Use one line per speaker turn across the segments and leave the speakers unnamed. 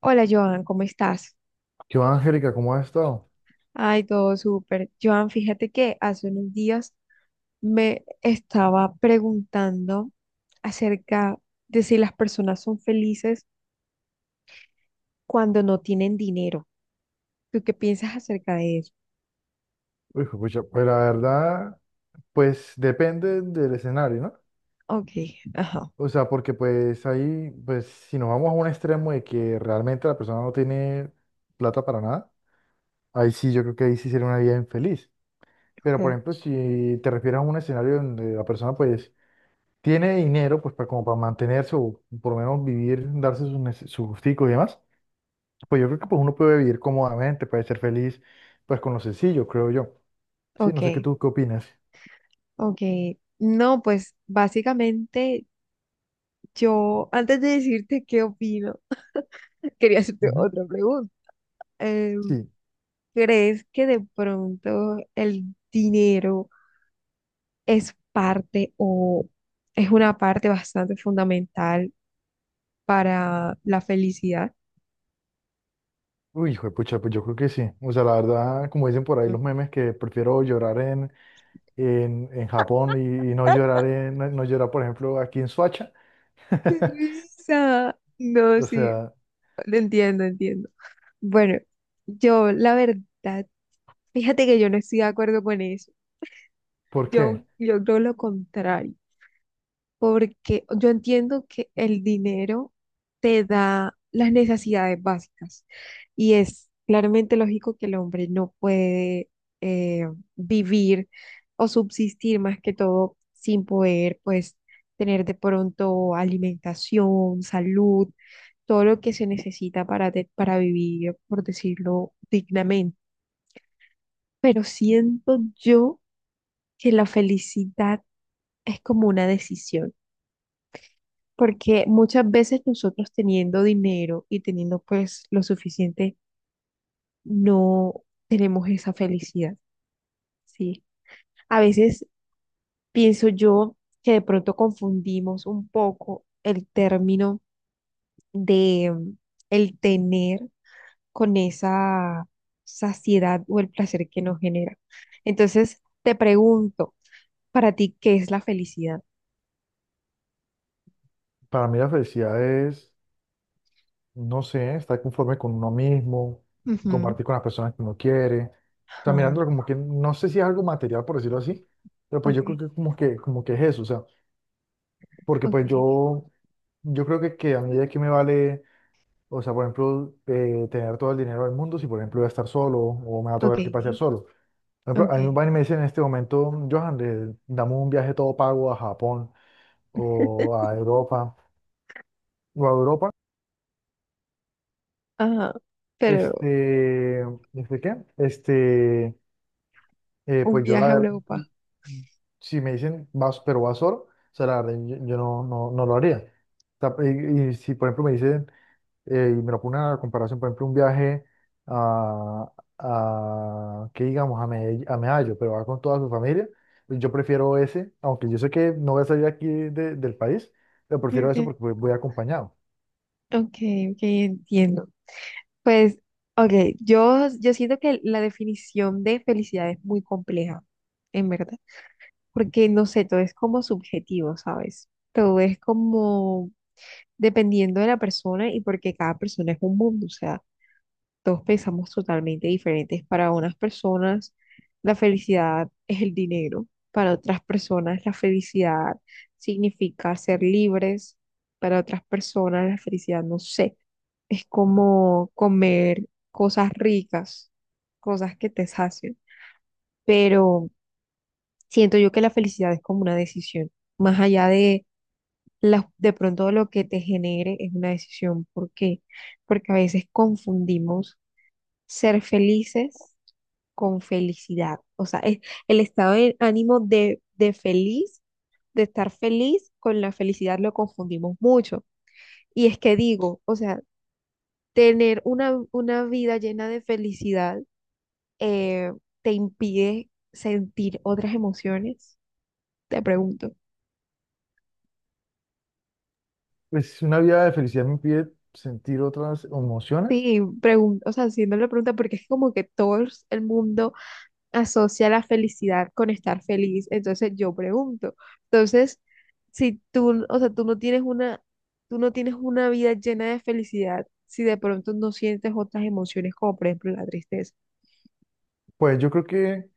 Hola Joan, ¿cómo estás?
¿Qué va, Angélica? ¿Cómo has estado?
Ay, todo súper. Joan, fíjate que hace unos días me estaba preguntando acerca de si las personas son felices cuando no tienen dinero. ¿Tú qué piensas acerca de eso?
Uy, juepucha, pues la verdad, pues depende del escenario, ¿no?
Ok, ajá.
O sea, porque pues ahí, pues si nos vamos a un extremo de que realmente la persona no tiene plata para nada, ahí sí yo creo que ahí sí sería una vida infeliz. Pero por
Ok,
ejemplo, si te refieres a un escenario donde la persona pues tiene dinero, pues para, como para mantenerse o por lo menos vivir, darse sus, sus gusticos y demás, pues yo creo que pues uno puede vivir cómodamente, puede ser feliz, pues con lo sencillo, creo yo. Sí, no
ok.
sé qué tú qué opinas.
Ok. No, pues básicamente yo, antes de decirte qué opino, quería hacerte
Ujú.
otra pregunta. Eh,
Sí.
¿Crees que de pronto el dinero es parte o es una parte bastante fundamental para la felicidad?
Uy, hijo de pucha, pues yo creo que sí. O sea, la verdad, como dicen por ahí
Mm.
los memes, que prefiero en Japón y no no llorar, por ejemplo, aquí en Soacha.
¡Qué risa! No,
O
sí,
sea,
entiendo, entiendo. Bueno, yo la verdad, fíjate que yo no estoy de acuerdo con eso.
¿por
Yo,
qué?
yo creo lo contrario. Porque yo entiendo que el dinero te da las necesidades básicas y es claramente lógico que el hombre no puede eh, vivir o subsistir más que todo sin poder pues tener de pronto alimentación, salud, todo lo que se necesita para, para vivir, por decirlo dignamente. Pero siento yo que la felicidad es como una decisión. Porque muchas veces nosotros teniendo dinero y teniendo pues lo suficiente, no tenemos esa felicidad, ¿sí? A veces pienso yo que de pronto confundimos un poco el término de el tener con esa saciedad o el placer que nos genera. Entonces, te pregunto, para ti, ¿qué es la felicidad?
Para mí la felicidad es, no sé, estar conforme con uno mismo,
Ujú.
compartir con las personas que uno quiere. O sea,
Ajá.
mirándolo como que, no sé si es algo material, por decirlo así, pero pues
Ok,
yo creo que como que, como que es eso. O sea, porque
ok,
pues yo creo que a medida que me vale. O sea, por ejemplo, tener todo el dinero del mundo, si por ejemplo voy a estar solo o me va a
ok,
tocar que pasear solo. Por ejemplo,
ok.
a mí me van y me dicen en este momento, Johan, dame un viaje todo pago a Japón o a Europa.
Ajá, pero
Este, ¿este qué? Este,
un
pues yo la
viaje a
verdad,
Europa.
si me dicen vas, pero vas solo, o sea, la verdad, yo no, no lo haría. O sea, y si por ejemplo me dice y me lo pone a comparación, por ejemplo, un viaje a, a que digamos, a, a Medallo, pero va con toda su familia, pues yo prefiero ese, aunque yo sé que no voy a salir aquí del país, pero prefiero eso
Ok,
porque voy acompañado.
ok, ok, entiendo. Pues, ok, yo siento que la definición de felicidad es muy compleja, en verdad, porque no sé, todo es como subjetivo, ¿sabes? Todo es como dependiendo de la persona y porque cada persona es un mundo, o sea. Todos pensamos totalmente diferentes. Para unas personas la felicidad es el dinero, para otras personas la felicidad significa ser libres, para otras personas la felicidad, no sé, es como comer cosas ricas, cosas que te sacian. Pero siento yo que la felicidad es como una decisión, más allá de de pronto lo que te genere es una decisión. ¿Por qué? Porque a veces confundimos ser felices con felicidad. O sea, es el estado de ánimo de feliz, de estar feliz, con la felicidad lo confundimos mucho. Y es que digo, o sea, tener una vida llena de felicidad eh, te impide sentir otras emociones, te pregunto.
Pues si una vida de felicidad me impide sentir otras emociones,
Sí, pregunto, o sea, haciendo la pregunta, porque es como que todo el mundo asocia la felicidad con estar feliz. Entonces yo pregunto, entonces, si tú, o sea, tú no tienes una vida llena de felicidad, si de pronto no sientes otras emociones como por ejemplo la tristeza.
pues yo creo que,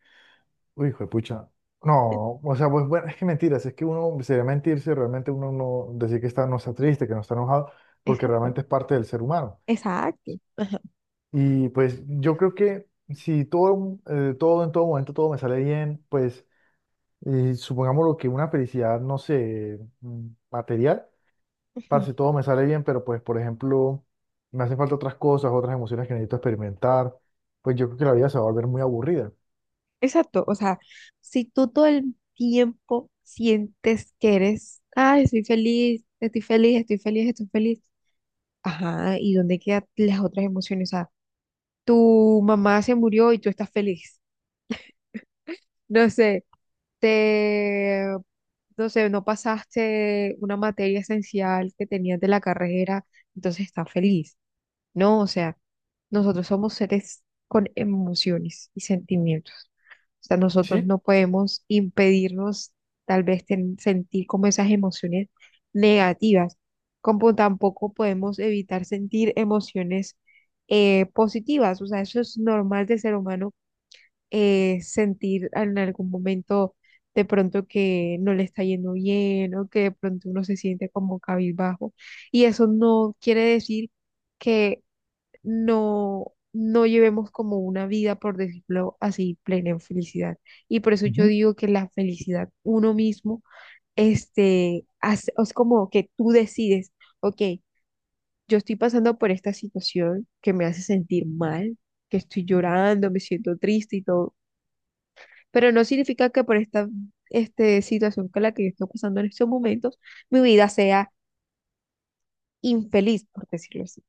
uy, hijo de pucha, no, o sea, pues bueno, es que mentiras, es que uno sería mentirse, realmente uno no decir que está, no está triste, que no está enojado, porque
Exacto,
realmente es parte del ser humano.
exacto. Ajá.
Y pues yo creo que si todo, todo en todo momento, todo me sale bien, pues supongamos lo que una felicidad, no sé, material, para
Ujú.
si todo me sale bien, pero pues por ejemplo, me hacen falta otras cosas, otras emociones que necesito experimentar, pues yo creo que la vida se va a volver muy aburrida.
Exacto, o sea, si tú todo el tiempo sientes que eres, ay, estoy feliz, estoy feliz, estoy feliz, estoy feliz, ajá, ¿y dónde quedan las otras emociones? O sea, tu mamá se murió y tú estás feliz, no sé, te, no sé, no pasaste una materia esencial que tenías de la carrera, entonces estás feliz. No, o sea, nosotros somos seres con emociones y sentimientos. O sea, nosotros
Sí,
no podemos impedirnos tal vez sentir como esas emociones negativas, como tampoco podemos evitar sentir emociones positivas. O sea, eso es normal de ser humano, sentir en algún momento de pronto que no le está yendo bien o que de pronto uno se siente como cabizbajo. Y eso no quiere decir que no llevemos como una vida, por decirlo así, plena en felicidad. Y por eso yo
ujú.
digo que la felicidad uno mismo, es como que tú decides, ok, yo estoy pasando por esta situación que me hace sentir mal, que estoy llorando, me siento triste y todo, pero no significa que por esta situación con la que yo estoy pasando en estos momentos, mi vida sea infeliz, por decirlo así.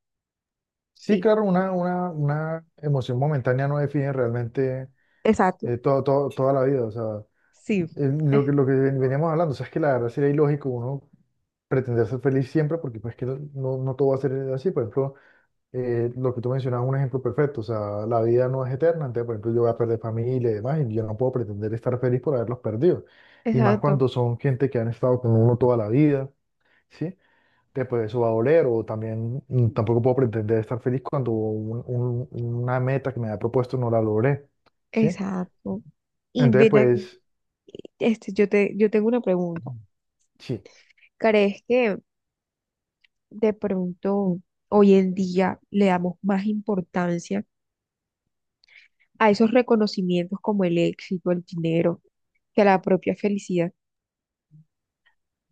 Sí,
Sí,
claro, una emoción momentánea no define realmente
exacto,
toda la vida, o sea,
sí, es-
lo que veníamos hablando, o sea, es que la verdad sería ilógico uno pretender ser feliz siempre, porque pues que no, no todo va a ser así. Por ejemplo, lo que tú mencionabas es un ejemplo perfecto. O sea, la vida no es eterna. Entonces, por ejemplo, yo voy a perder familia y demás, y yo no puedo pretender estar feliz por haberlos perdido. Y más
exacto.
cuando son gente que han estado con uno toda la vida, ¿sí? Entonces, pues eso va a doler. O también tampoco puedo pretender estar feliz cuando una meta que me había propuesto no la logré, ¿sí?
Exacto. Y
Entonces,
mira,
pues...
yo tengo una pregunta.
Sí.
¿Crees que de pronto hoy en día le damos más importancia a esos reconocimientos como el éxito, el dinero, que a la propia felicidad?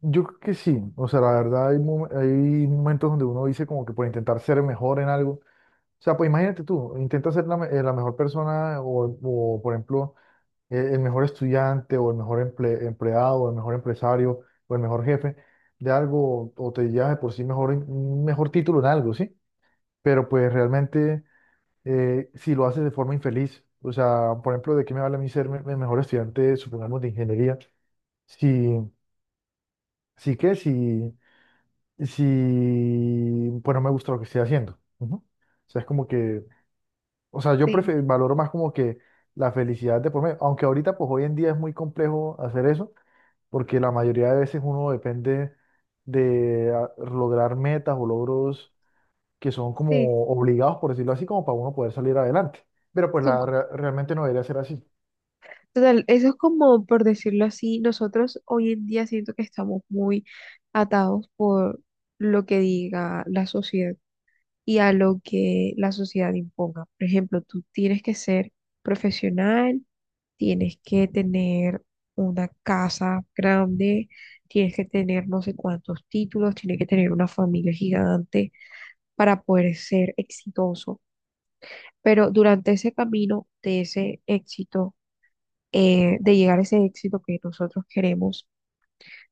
Yo creo que sí, o sea, la verdad hay, hay momentos donde uno dice como que por intentar ser mejor en algo, o sea, pues imagínate tú, intenta ser la mejor persona o, por ejemplo el mejor estudiante o el mejor empleado o el mejor empresario o el mejor jefe de algo o te llevas de por sí mejor, un mejor título en algo, ¿sí? Pero pues realmente si lo haces de forma infeliz, o sea, por ejemplo, ¿de qué me vale a mí ser el mejor estudiante, supongamos, de ingeniería? Si, sí que si pues no me gusta lo que estoy haciendo. Ujú. O sea, es como que, o sea, yo
Sí,
valoro más como que la felicidad de por medio, aunque ahorita pues hoy en día es muy complejo hacer eso, porque la mayoría de veces uno depende de lograr metas o logros que son
sí.
como obligados, por decirlo así, como para uno poder salir adelante. Pero pues
Son,
la,
co-
realmente no debería ser así.
Total, eso es como, por decirlo así, nosotros hoy en día siento que estamos muy atados por lo que diga la sociedad. Y a lo que la sociedad imponga. Por ejemplo, tú tienes que ser profesional, tienes que tener una casa grande, tienes que tener no sé cuántos títulos, tienes que tener una familia gigante para poder ser exitoso. Pero durante ese camino de ese éxito, de llegar a ese éxito que nosotros queremos,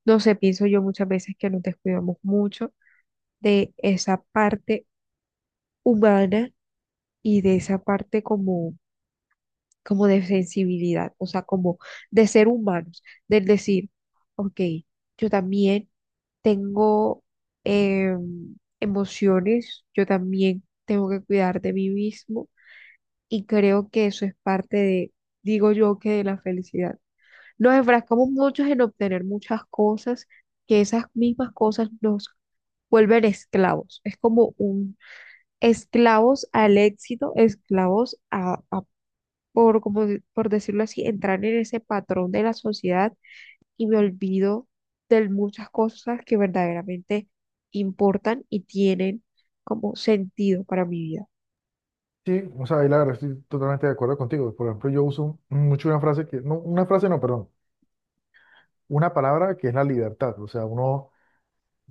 no sé, pienso yo muchas veces que nos descuidamos mucho de esa parte humana y de esa parte como de sensibilidad, o sea, como de ser humanos, del decir, ok, yo también tengo emociones, yo también tengo que cuidar de mí mismo y creo que eso es parte de, digo yo, que de la felicidad. Nos enfrascamos muchos en obtener muchas cosas, que esas mismas cosas nos vuelven esclavos. Es como un esclavos al éxito, esclavos a por, como, por decirlo así, entrar en ese patrón de la sociedad y me olvido de muchas cosas que verdaderamente importan y tienen como sentido para mi vida.
Sí, o sea, ahí la verdad estoy totalmente de acuerdo contigo. Por ejemplo, yo uso mucho una frase que, no, una frase no, perdón, una palabra que es la libertad. O sea, uno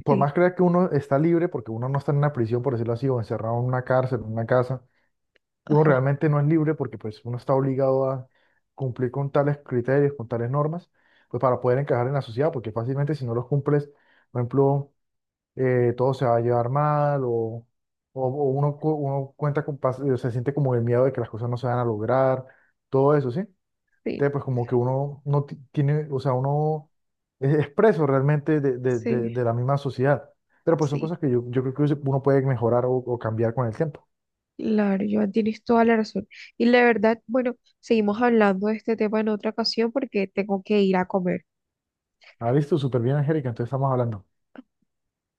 por
Sí,
más creer que uno está libre, porque uno no está en una prisión, por decirlo así, o encerrado en una cárcel, en una casa, uno
ajá.
realmente no es libre porque pues uno está obligado a cumplir con tales criterios, con tales normas, pues para poder encajar en la sociedad, porque fácilmente si no los cumples, por ejemplo, todo se va a llevar mal o uno, uno cuenta con, se siente como el miedo de que las cosas no se van a lograr, todo eso, ¿sí?
Sí,
Entonces, pues como que uno no tiene, o sea, uno es preso realmente de,
sí,
de la misma sociedad. Pero pues son
sí.
cosas que yo creo que uno puede mejorar o cambiar con el tiempo.
Claro, Joan, tienes toda la razón. Y la verdad, bueno, seguimos hablando de este tema en otra ocasión porque tengo que ir a comer.
Ah, listo, súper bien, Angélica, entonces estamos hablando.